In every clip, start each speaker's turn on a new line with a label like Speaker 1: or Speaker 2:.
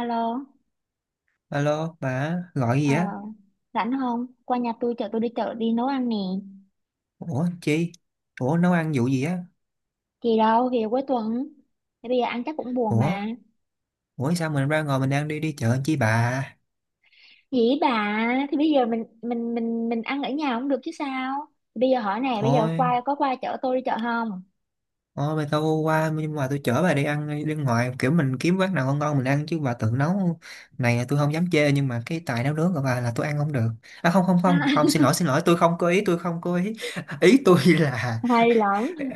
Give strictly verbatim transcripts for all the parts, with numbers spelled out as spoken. Speaker 1: Alo,
Speaker 2: Alo, bà gọi gì
Speaker 1: ờ,
Speaker 2: á?
Speaker 1: rảnh không? Qua nhà tôi chở tôi đi chợ đi nấu ăn nè.
Speaker 2: Ủa chi? Ủa nấu ăn vụ gì á?
Speaker 1: Thì đâu, thì cuối tuần. Thì bây giờ ăn chắc cũng buồn
Speaker 2: Ủa?
Speaker 1: mà.
Speaker 2: Ủa sao mình ra ngồi mình đang đi đi chợ chi bà?
Speaker 1: Dĩ bà, thì bây giờ mình mình mình mình ăn ở nhà cũng được chứ sao? Thì bây giờ hỏi nè, bây giờ
Speaker 2: Thôi,
Speaker 1: qua có qua chở tôi đi chợ không?
Speaker 2: thôi bà tao qua, nhưng mà tôi chở bà đi ăn đi ngoài, kiểu mình kiếm quán nào ngon ngon mình ăn, chứ bà tự nấu này, tôi không dám chê, nhưng mà cái tài nấu nướng của bà là tôi ăn không được. À, không không không,
Speaker 1: À,
Speaker 2: không, xin lỗi xin lỗi, tôi không có ý, tôi không có ý. Ý tôi là
Speaker 1: hay lắm.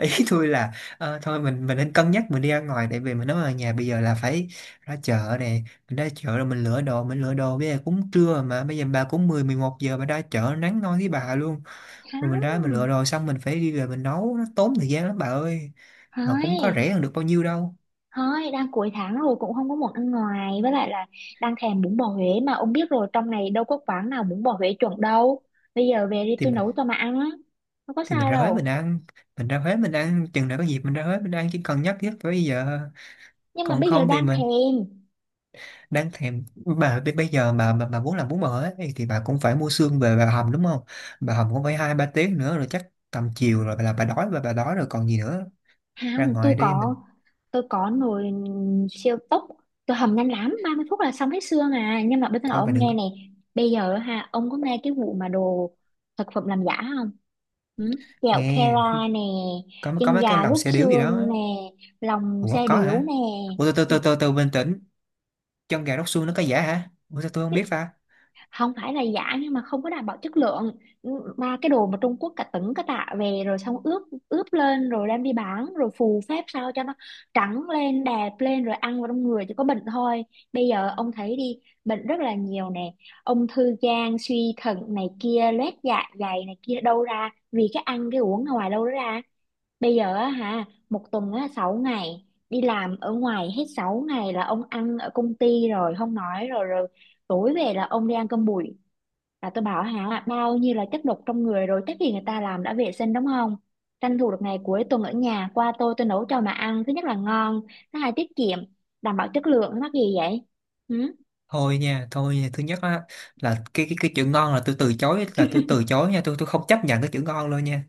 Speaker 2: ý tôi là ờ, thôi mình mình nên cân nhắc, mình đi ra ngoài, tại vì mình nói ở nhà bây giờ là phải ra chợ nè, mình ra chợ rồi mình lựa đồ mình lựa đồ bây giờ cũng trưa mà, bây giờ bà cũng mười mười một giờ bà ra chợ, nắng nôi với bà luôn. Rồi mình
Speaker 1: Không,
Speaker 2: ra mình lựa đồ xong mình phải đi về mình nấu, nó tốn thời gian lắm bà ơi, mà cũng có
Speaker 1: thôi,
Speaker 2: rẻ hơn được bao nhiêu đâu.
Speaker 1: thôi, đang cuối tháng rồi cũng không có muốn ăn ngoài. Với lại là đang thèm bún bò Huế mà ông biết rồi trong này đâu có quán nào bún bò Huế chuẩn đâu. Bây giờ về đi
Speaker 2: thì
Speaker 1: tôi
Speaker 2: mình
Speaker 1: nấu cho mà ăn á. Không có
Speaker 2: thì mình
Speaker 1: sao
Speaker 2: ra Huế mình
Speaker 1: đâu.
Speaker 2: ăn, mình ra Huế mình ăn chừng nào có dịp mình ra Huế mình ăn, chỉ cần nhắc nhất tới bây giờ.
Speaker 1: Nhưng mà
Speaker 2: Còn
Speaker 1: bây giờ
Speaker 2: không thì
Speaker 1: đang
Speaker 2: mình
Speaker 1: thèm.
Speaker 2: đáng thèm. Bà b- bây giờ mà mà, mà muốn làm bún bò ấy, thì bà cũng phải mua xương về bà hầm, đúng không? Bà hầm cũng phải hai ba tiếng nữa, rồi chắc tầm chiều rồi là bà đói, và bà đói rồi còn gì nữa. Ra
Speaker 1: Không, tôi
Speaker 2: ngoài đi mình.
Speaker 1: có, tôi có nồi siêu tốc, tôi hầm nhanh lắm, ba mươi phút là xong hết xương à. Nhưng mà bây giờ nói
Speaker 2: Thôi bà
Speaker 1: ông
Speaker 2: đừng.
Speaker 1: nghe này, bây giờ ha, ông có nghe cái vụ mà đồ thực phẩm làm giả không? Ừ? Kẹo
Speaker 2: Nghe,
Speaker 1: Kera nè,
Speaker 2: có có
Speaker 1: chân
Speaker 2: mấy cái
Speaker 1: gà
Speaker 2: lòng
Speaker 1: rút
Speaker 2: xe điếu gì đó.
Speaker 1: xương nè, lòng
Speaker 2: Ủa
Speaker 1: xe
Speaker 2: có
Speaker 1: điếu
Speaker 2: hả?
Speaker 1: nè.
Speaker 2: Ủa, từ từ từ từ từ, bình tĩnh. Chân gà róc xương nó có giả hả? Ủa sao tôi không biết ta.
Speaker 1: Không phải là giả nhưng mà không có đảm bảo chất lượng. Ừ, mà cái đồ mà Trung Quốc cả tấn cả tạ về rồi xong ướp ướp lên rồi đem đi bán rồi phù phép sao cho nó trắng lên đẹp lên rồi ăn vào trong người chỉ có bệnh thôi. Bây giờ ông thấy đi, bệnh rất là nhiều nè. Ung thư gan, suy thận này kia, loét dạ dày này kia đâu ra vì cái ăn cái uống ở ngoài đâu đó ra. Bây giờ á hả, một tuần á sáu ngày đi làm ở ngoài hết sáu ngày là ông ăn ở công ty rồi không nói rồi rồi tối về là ông đi ăn cơm bụi, là tôi bảo hả bao nhiêu là chất độc trong người rồi, chắc gì người ta làm đã vệ sinh, đúng không? Tranh thủ được ngày cuối tuần ở nhà qua tôi tôi nấu cho mà ăn. Thứ nhất là ngon, thứ hai tiết kiệm, đảm bảo chất lượng. Mắc gì vậy? Ừ?
Speaker 2: Thôi nha, thôi nha, thứ nhất á là cái cái cái chữ ngon là tôi từ chối, là tôi từ chối nha, tôi tôi không chấp nhận cái chữ ngon luôn nha.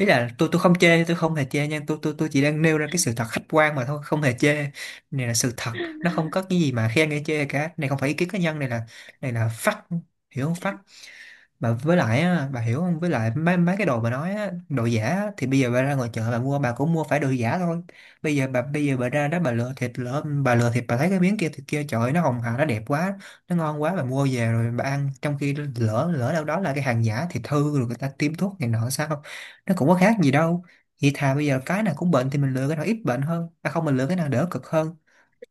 Speaker 2: Ý là tôi tôi không chê, tôi không hề chê nha, tôi tôi tôi chỉ đang nêu ra cái sự thật khách quan mà thôi, không hề chê. Này là sự thật, nó không có cái gì mà khen hay chê cả, này không phải ý kiến cá nhân, này là này là fact, hiểu không? Fact. Mà với lại á, bà hiểu không, với lại mấy mấy cái đồ bà nói á, đồ giả á, thì bây giờ bà ra ngoài chợ bà mua bà cũng mua phải đồ giả thôi. bây giờ bà bây giờ bà ra đó bà lựa thịt, lỡ bà lựa thịt bà thấy cái miếng kia, thịt kia, trời ơi, nó hồng hào nó đẹp quá, nó ngon quá, bà mua về rồi bà ăn, trong khi lỡ lỡ đâu đó là cái hàng giả, thịt hư rồi người ta tiêm thuốc này nọ sao, nó cũng có khác gì đâu. Vậy thà bây giờ cái nào cũng bệnh thì mình lựa cái nào ít bệnh hơn, à không, mình lựa cái nào đỡ cực hơn.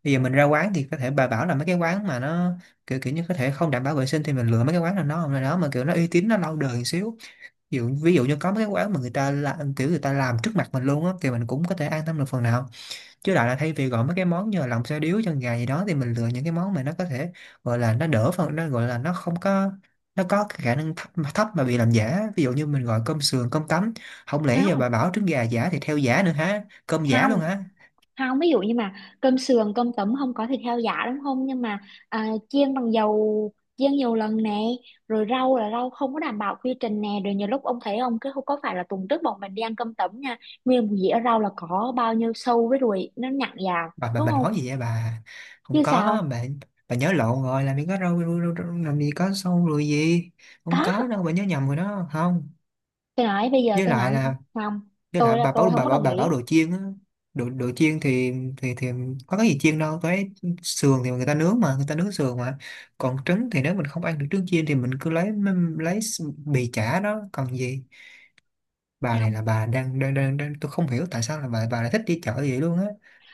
Speaker 2: Bây giờ mình ra quán thì có thể bà bảo là mấy cái quán mà nó kiểu kiểu như có thể không đảm bảo vệ sinh, thì mình lựa mấy cái quán là nó nào đó mà kiểu nó uy tín, nó lâu đời một xíu. Ví dụ ví dụ như có mấy cái quán mà người ta làm kiểu người ta làm trước mặt mình luôn á, thì mình cũng có thể an tâm được phần nào. Chứ lại là thay vì gọi mấy cái món như là lòng xôi điếu chân gà gì đó, thì mình lựa những cái món mà nó có thể gọi là nó đỡ phần, nó gọi là nó không có, nó có cái khả năng thấp, mà thấp mà bị làm giả, ví dụ như mình gọi cơm sườn cơm tấm. Không lẽ giờ bà
Speaker 1: Không,
Speaker 2: bảo trứng gà giả thì theo giả nữa hả, cơm giả
Speaker 1: không,
Speaker 2: luôn hả?
Speaker 1: không. Ví dụ như mà cơm sườn, cơm tấm không có thịt heo giả đúng không? Nhưng mà à, chiên bằng dầu, chiên nhiều lần nè. Rồi rau là rau không có đảm bảo quy trình nè. Rồi nhiều lúc ông thấy không, cái không có phải là tuần trước bọn mình đi ăn cơm tấm nha. Nguyên một dĩa rau là có bao nhiêu sâu với ruồi nó nhặn vào.
Speaker 2: Bà bà
Speaker 1: Đúng
Speaker 2: mình
Speaker 1: không?
Speaker 2: nói gì vậy bà? Không
Speaker 1: Chứ
Speaker 2: có
Speaker 1: sao.
Speaker 2: bà bà nhớ lộn rồi, làm gì có đâu, đâu, đâu, đâu, làm gì có sâu lùi gì, không
Speaker 1: Có,
Speaker 2: có đâu, bà nhớ nhầm rồi đó, không.
Speaker 1: tôi nói bây giờ
Speaker 2: Với
Speaker 1: tôi
Speaker 2: lại
Speaker 1: nói
Speaker 2: là,
Speaker 1: không,
Speaker 2: với
Speaker 1: tôi
Speaker 2: lại
Speaker 1: là
Speaker 2: bà
Speaker 1: tôi
Speaker 2: bảo
Speaker 1: không
Speaker 2: bà
Speaker 1: có
Speaker 2: bảo
Speaker 1: đồng
Speaker 2: bà bảo
Speaker 1: ý.
Speaker 2: đồ chiên á, đồ đồ chiên thì thì thì có cái gì chiên đâu cái, sườn thì người ta nướng mà, người ta nướng sườn mà. Còn trứng thì nếu mình không ăn được trứng chiên thì mình cứ lấy lấy bì chả đó còn gì. Bà này
Speaker 1: Không,
Speaker 2: là bà đang đang đang, đang, tôi không hiểu tại sao là bà bà lại thích đi chợ vậy luôn á.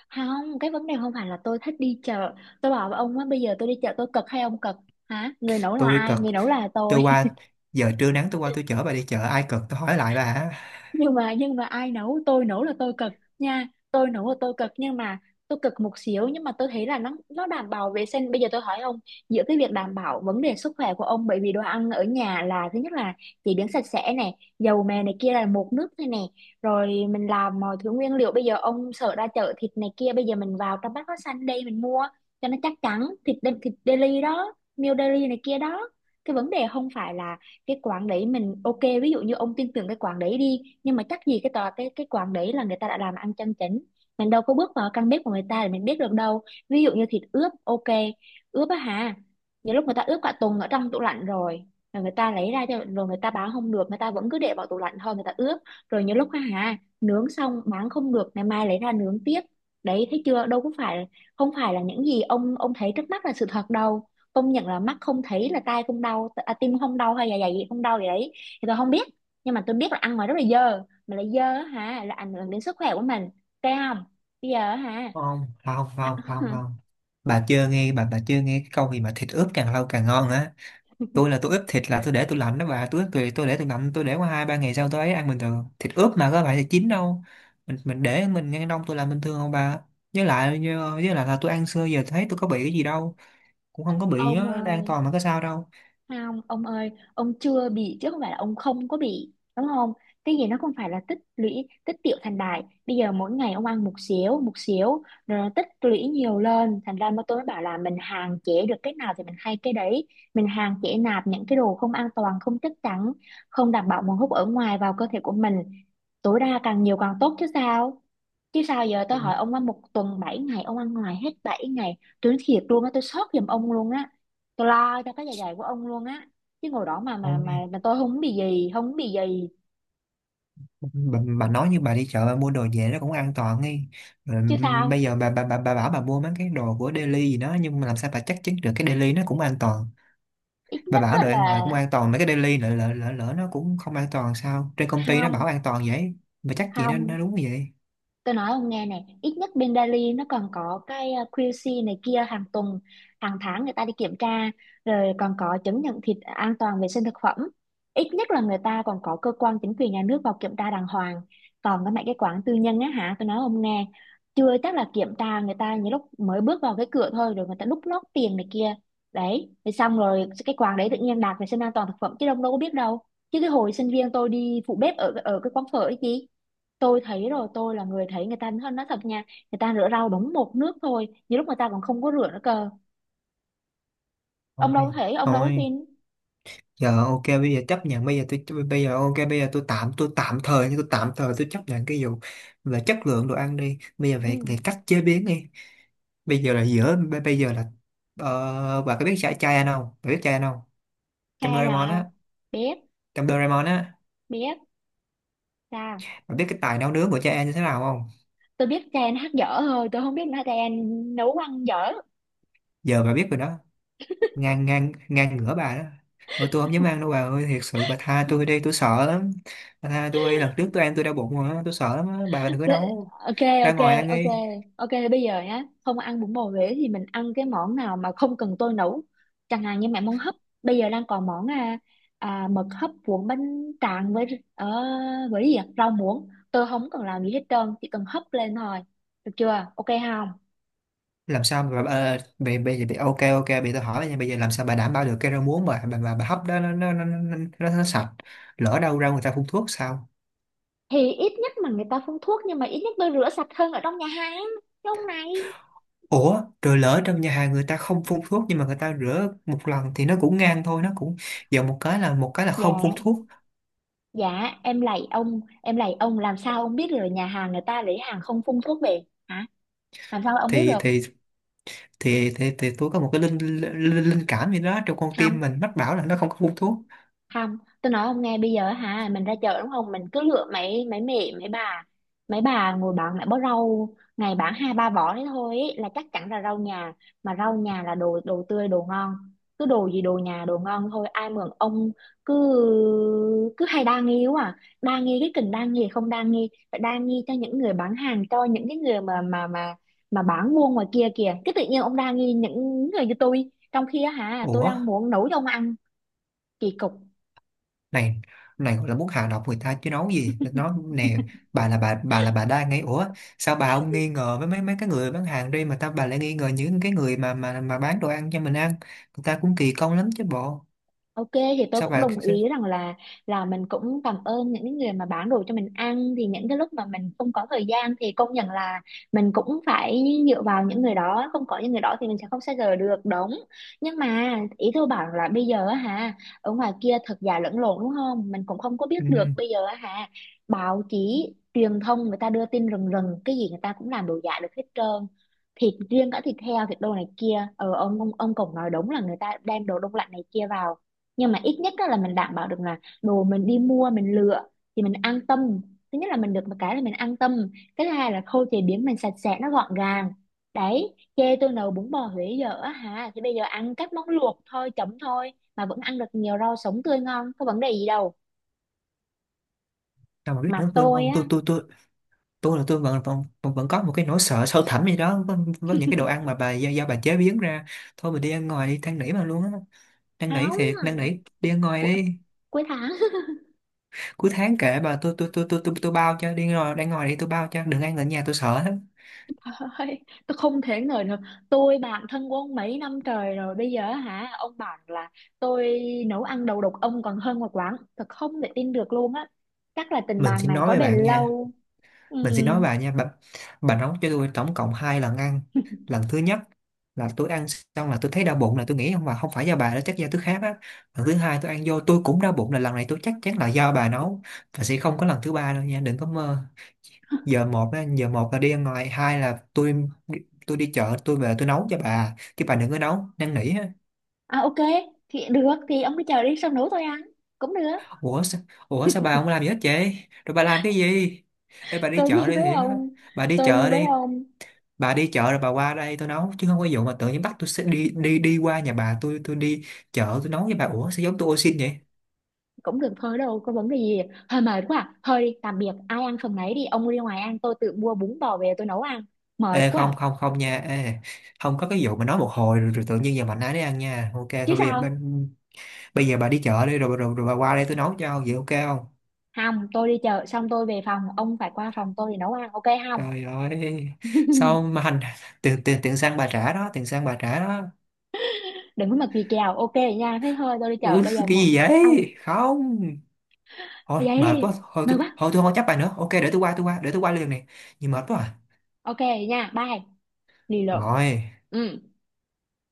Speaker 1: không, cái vấn đề không phải là tôi thích đi chợ. Tôi bảo với ông á, bây giờ tôi đi chợ tôi cực hay ông cực? Hả, người nấu là
Speaker 2: Tôi
Speaker 1: ai,
Speaker 2: cực,
Speaker 1: người nấu là tôi.
Speaker 2: tôi qua, giờ trưa nắng tôi qua tôi chở bà đi chợ, ai cực? Tôi hỏi lại bà hả.
Speaker 1: Nhưng mà nhưng mà ai nấu, tôi nấu là tôi cực nha, tôi nấu là tôi cực, nhưng mà tôi cực một xíu nhưng mà tôi thấy là nó nó đảm bảo vệ sinh. Bây giờ tôi hỏi ông, giữa cái việc đảm bảo vấn đề sức khỏe của ông, bởi vì đồ ăn ở nhà là thứ nhất là chế biến sạch sẽ này, dầu mè này kia là một nước này nè, rồi mình làm mọi thứ nguyên liệu. Bây giờ ông sợ ra chợ thịt này kia, bây giờ mình vào trong Bách Hóa Xanh đây mình mua cho nó chắc chắn, thịt đe- thịt deli đó, meal deli này kia đó. Cái vấn đề không phải là cái quán đấy mình ok, ví dụ như ông tin tưởng cái quán đấy đi, nhưng mà chắc gì cái tòa cái cái quán đấy là người ta đã làm ăn chân chính. Mình đâu có bước vào căn bếp của người ta để mình biết được đâu. Ví dụ như thịt ướp ok, ướp á hả, nhiều lúc người ta ướp cả tuần ở trong tủ lạnh rồi, rồi người ta lấy ra cho, rồi người ta bán không được người ta vẫn cứ để vào tủ lạnh thôi, người ta ướp. Rồi nhiều lúc á hả, nướng xong bán không được ngày mai lấy ra nướng tiếp. Đấy thấy chưa, đâu có phải, không phải là những gì ông ông thấy trước mắt là sự thật đâu. Công nhận là mắt không thấy là tai không đau à, tim không đau hay là dạ dày gì không đau gì đấy thì tôi không biết, nhưng mà tôi biết là ăn ngoài rất là dơ, mà lại dơ á hả là ảnh hưởng đến sức khỏe của mình. Thấy không? Bây giờ á hả.
Speaker 2: Không không không không không, bà chưa nghe bà bà chưa nghe cái câu gì mà thịt ướp càng lâu càng ngon hả? Tôi là tôi ướp thịt là tôi để tôi lạnh đó bà, tôi ướp tôi, tôi để tôi lạnh, tôi để qua hai ba ngày sau tôi ấy ăn bình thường, thịt ướp mà có phải là chín đâu. Mình mình để mình ngăn đông, tôi làm bình thường không bà? Với lại, với lại là tôi ăn xưa giờ thấy tôi có bị cái gì đâu, cũng không có bị,
Speaker 1: Ông
Speaker 2: nó đang
Speaker 1: ơi.
Speaker 2: toàn mà có sao đâu.
Speaker 1: Không, ông ơi, ông chưa bị chứ không phải là ông không có bị, đúng không? Cái gì nó không phải là tích lũy, tích tiểu thành đại. Bây giờ mỗi ngày ông ăn một xíu, một xíu, rồi nó tích lũy nhiều lên. Thành ra mà tôi mới bảo là mình hạn chế được cái nào thì mình hay cái đấy. Mình hạn chế nạp những cái đồ không an toàn, không chắc chắn, không đảm bảo nguồn hút ở ngoài vào cơ thể của mình. Tối đa càng nhiều càng tốt chứ sao? Chứ sao giờ tôi hỏi ông ăn một tuần bảy ngày, ông ăn ngoài hết bảy ngày, tôi nói thiệt luôn á, tôi sốt giùm ông luôn á, tôi lo cho cái dạ dày của ông luôn á. Chứ ngồi đó mà mà
Speaker 2: Ôi
Speaker 1: mà mà tôi không bị gì, không bị gì,
Speaker 2: bà, bà nói như bà đi chợ bà mua đồ về nó cũng an toàn ấy, rồi
Speaker 1: chứ sao.
Speaker 2: bây giờ bà, bà bà bà bảo bà mua mấy cái đồ của Daily gì đó, nhưng mà làm sao bà chắc chắn được cái Daily nó cũng an toàn.
Speaker 1: Ít
Speaker 2: Bà
Speaker 1: nhất
Speaker 2: bảo
Speaker 1: á
Speaker 2: đồ ăn ngoài
Speaker 1: là
Speaker 2: cũng an toàn, mấy cái Daily lỡ lỡ lỡ, lỡ nó cũng không an toàn, sao trên công ty nó
Speaker 1: không,
Speaker 2: bảo an toàn vậy, bà chắc gì nó
Speaker 1: không.
Speaker 2: nó đúng vậy.
Speaker 1: Tôi nói ông nghe này, ít nhất bên Delhi nó còn có cái uh, quy xê này kia hàng tuần, hàng tháng người ta đi kiểm tra, rồi còn có chứng nhận thịt an toàn vệ sinh thực phẩm. Ít nhất là người ta còn có cơ quan chính quyền nhà nước vào kiểm tra đàng hoàng. Còn cái mấy cái quán tư nhân á hả, tôi nói ông nghe, chưa chắc là kiểm tra người ta những lúc mới bước vào cái cửa thôi rồi người ta đút lót tiền này kia. Đấy, rồi xong rồi cái quán đấy tự nhiên đạt vệ sinh an toàn thực phẩm chứ ông đâu có biết đâu. Chứ cái hồi sinh viên tôi đi phụ bếp ở ở cái quán phở ấy chứ, tôi thấy rồi, tôi là người thấy người ta nói nói thật nha, người ta rửa rau đúng một nước thôi, nhiều lúc người ta còn không có rửa nữa cơ. Ông đâu có
Speaker 2: Thôi,
Speaker 1: thể, ông đâu có
Speaker 2: thôi
Speaker 1: tin.
Speaker 2: giờ ok, bây giờ chấp nhận bây giờ tôi bây giờ ok, bây giờ tôi tạm tôi tạm thời, nhưng tôi tạm thời tôi chấp nhận cái vụ là chất lượng đồ ăn đi, bây giờ phải,
Speaker 1: Ừ.
Speaker 2: phải cách chế biến đi. Bây giờ là giữa b- bây giờ là ờ, bà có biết chai chai ăn không, bà biết chai ăn không? Trong
Speaker 1: Trai
Speaker 2: Doraemon
Speaker 1: là?
Speaker 2: á.
Speaker 1: Biết,
Speaker 2: Trong Doraemon á.
Speaker 1: biết. Sao?
Speaker 2: Bà biết cái tài nấu nướng của chai ăn như thế nào không?
Speaker 1: Tôi biết trai anh hát dở thôi, tôi không biết là trai anh nấu ăn dở.
Speaker 2: Giờ bà biết rồi đó. Ngang ngang ngang ngửa bà đó. Ôi tôi không dám ăn đâu bà ơi, thiệt sự bà tha tôi đi, tôi sợ lắm, bà tha tôi, lần trước tôi ăn tôi đau bụng rồi á, tôi sợ lắm á, bà đừng có
Speaker 1: Đấy,
Speaker 2: nấu,
Speaker 1: ok
Speaker 2: ra
Speaker 1: ok
Speaker 2: ngoài ăn
Speaker 1: ok
Speaker 2: đi.
Speaker 1: ok, bây giờ nhá, không ăn bún bò Huế thì mình ăn cái món nào mà không cần tôi nấu, chẳng hạn như mẹ món hấp. Bây giờ đang còn món à, à, mực hấp cuốn bánh tráng với ờ, với gì ạ? Rau muống tôi không cần làm gì hết trơn, chỉ cần hấp lên thôi, được chưa? Ok không?
Speaker 2: Làm sao mà bà, bây bây giờ bị ok ok bị, tôi hỏi nha, bây giờ làm sao bà đảm bảo được cái rau muống mà bà, bà, bà hấp đó nó nó, nó, nó, nó, nó sạch, lỡ đâu ra người ta phun thuốc sao.
Speaker 1: Thì ít nhất mà người ta phun thuốc, nhưng mà ít nhất tôi rửa sạch hơn ở trong nhà hàng chứ ông này.
Speaker 2: Ủa rồi lỡ trong nhà hàng người ta không phun thuốc nhưng mà người ta rửa một lần thì nó cũng ngang thôi, nó cũng giờ một cái là một cái là
Speaker 1: Dạ,
Speaker 2: không phun thuốc.
Speaker 1: dạ em lạy ông, em lạy ông, làm sao ông biết được là nhà hàng người ta lấy hàng không phun thuốc về? Hả, làm sao ông biết
Speaker 2: thì
Speaker 1: được?
Speaker 2: thì thì thì, thì tôi có một cái linh linh, linh linh cảm gì đó trong con tim mình mách bảo là nó không có phun thuốc.
Speaker 1: Không, tôi nói ông nghe bây giờ hả, mình ra chợ đúng không, mình cứ lựa mấy mấy mẹ mấy bà mấy bà ngồi bán mẹ bó rau, ngày bán hai ba vỏ đấy thôi, ý là chắc chắn là rau nhà, mà rau nhà là đồ, đồ tươi đồ ngon. Cứ đồ gì đồ nhà đồ ngon thôi, ai mượn ông cứ cứ hay đa nghi quá à. Đa nghi cái kình, đa nghi không đa nghi, phải đa nghi cho những người bán hàng, cho những cái người mà mà mà mà bán buôn ngoài kia kìa, cái tự nhiên ông đa nghi những người như tôi trong khi á hả tôi
Speaker 2: Ủa
Speaker 1: đang muốn nấu cho ông ăn. Kỳ cục.
Speaker 2: này, này gọi là muốn hạ độc người ta chứ nói gì nó nè. Bà là bà bà là bà đang ngay, ủa sao bà không nghi ngờ với mấy mấy cái người bán hàng đi mà ta, bà lại nghi ngờ những cái người mà mà mà bán đồ ăn cho mình ăn, người ta cũng kỳ công lắm chứ bộ.
Speaker 1: Ok thì tôi
Speaker 2: Sao
Speaker 1: cũng
Speaker 2: bà.
Speaker 1: đồng ý rằng là là mình cũng cảm ơn những cái người mà bán đồ cho mình ăn, thì những cái lúc mà mình không có thời gian thì công nhận là mình cũng phải dựa vào những người đó, không có những người đó thì mình sẽ không xa rời được, đúng. Nhưng mà ý tôi bảo là bây giờ á hả, ở ngoài kia thật giả lẫn lộn đúng không, mình cũng không có biết được.
Speaker 2: Ừ,
Speaker 1: Bây giờ á hả, báo chí truyền thông người ta đưa tin rần rần, cái gì người ta cũng làm đồ giả được hết trơn, thịt riêng cả thịt heo thịt đồ này kia. ờ ông ông ông cũng nói đúng là người ta đem đồ đông lạnh này kia vào, nhưng mà ít nhất á là mình đảm bảo được là đồ mình đi mua mình lựa thì mình an tâm. Thứ nhất là mình được một cái là mình an tâm, cái thứ hai là khâu chế biến mình sạch sẽ nó gọn gàng. Đấy, chê tôi nấu bún bò Huế dở á hả thì bây giờ ăn các món luộc thôi, chấm thôi mà vẫn ăn được nhiều rau sống tươi ngon, có vấn đề gì đâu?
Speaker 2: sao mà biết
Speaker 1: Mà
Speaker 2: nữa Phương,
Speaker 1: tôi
Speaker 2: không tôi
Speaker 1: á,
Speaker 2: tôi tôi tôi là tôi vẫn vẫn vẫn vẫn có một cái nỗi sợ sâu thẳm gì đó với, với những cái đồ ăn mà bà do, do bà chế biến ra. Thôi mình đi ăn ngoài đi, than nỉ mà luôn á, năn nỉ thiệt, năn nỉ,
Speaker 1: không.
Speaker 2: đi ăn ngoài
Speaker 1: cu-
Speaker 2: đi.
Speaker 1: Cuối tháng.
Speaker 2: Cuối tháng kể bà, tôi tôi tôi tôi tôi tôi bao cho, đi ngồi đang ngồi đi, tôi bao cho, đừng ăn ở nhà, tôi sợ lắm.
Speaker 1: Thôi, tôi không thể ngờ được, tôi bạn thân của ông mấy năm trời rồi bây giờ hả ông bảo là tôi nấu ăn đầu độc ông còn hơn một quán, thật không thể tin được luôn á. Chắc là tình
Speaker 2: Mình
Speaker 1: bạn
Speaker 2: sẽ
Speaker 1: này
Speaker 2: nói
Speaker 1: có
Speaker 2: với
Speaker 1: bền
Speaker 2: bạn nha.
Speaker 1: lâu. Ừ.
Speaker 2: Mình sẽ nói với bà nha bà, bà nấu cho tôi tổng cộng hai lần ăn. Lần thứ nhất là tôi ăn xong là tôi thấy đau bụng, là tôi nghĩ không, mà không phải do bà đó, chắc do tôi khác á. Lần thứ hai tôi ăn vô tôi cũng đau bụng, là lần này tôi chắc chắn là do bà nấu. Và sẽ không có lần thứ ba đâu nha, đừng có mơ. Giờ một á, giờ một là đi ăn ngoài, hai là tôi tôi đi chợ tôi về tôi nấu cho bà, chứ bà đừng có nấu, năn nỉ.
Speaker 1: À ok, thì được, thì ông cứ chờ đi xong nấu tôi ăn cũng được.
Speaker 2: Ủa sao, Ủa sao bà không làm gì hết vậy? Rồi bà làm cái gì? Ê bà đi
Speaker 1: Tôi
Speaker 2: chợ
Speaker 1: đi
Speaker 2: đi
Speaker 1: với
Speaker 2: Thiện á.
Speaker 1: ông,
Speaker 2: Bà đi
Speaker 1: tôi đi
Speaker 2: chợ
Speaker 1: với
Speaker 2: đi.
Speaker 1: ông
Speaker 2: Bà đi chợ rồi bà qua đây tôi nấu, chứ không có vụ mà tự nhiên bắt tôi sẽ đi đi đi qua nhà bà, tôi tôi đi chợ tôi nấu với bà. Ủa sao giống tôi ô xin vậy?
Speaker 1: cũng được thôi, đâu có vấn đề gì. Hơi mệt quá à. Thôi đi, tạm biệt, ai ăn phần nấy đi, ông đi ngoài ăn, tôi tự mua bún bò về tôi nấu ăn. Mệt
Speaker 2: Ê
Speaker 1: quá à.
Speaker 2: không không không nha. Ê không có cái vụ mà nói một hồi rồi, rồi tự nhiên giờ mạnh ai đấy ăn nha. Ok
Speaker 1: Chứ
Speaker 2: thôi bây giờ bây,
Speaker 1: sao?
Speaker 2: bây giờ bà đi chợ đi, rồi, rồi rồi bà qua đây tôi nấu cho, vậy ok không?
Speaker 1: Không, tôi đi chợ xong tôi về phòng, ông phải qua phòng tôi để nấu ăn ok không?
Speaker 2: Trời ơi. Sao mà hành, tiền tiền tiền xăng bà trả đó, tiền xăng bà trả đó.
Speaker 1: Đừng có mà gì kèo, ok nha, thế thôi tôi đi chợ
Speaker 2: Ừ,
Speaker 1: bây giờ
Speaker 2: cái
Speaker 1: một.
Speaker 2: gì
Speaker 1: Ông
Speaker 2: vậy không, thôi
Speaker 1: giấy
Speaker 2: mệt
Speaker 1: đi,
Speaker 2: quá, thôi
Speaker 1: mời
Speaker 2: tôi thôi
Speaker 1: quá.
Speaker 2: tôi không có chấp bài nữa ok, để tôi qua, tôi qua để tôi qua liền này. Nhìn mệt quá à.
Speaker 1: Ok nha, bye. Lì lợm.
Speaker 2: Rồi.
Speaker 1: Ừ.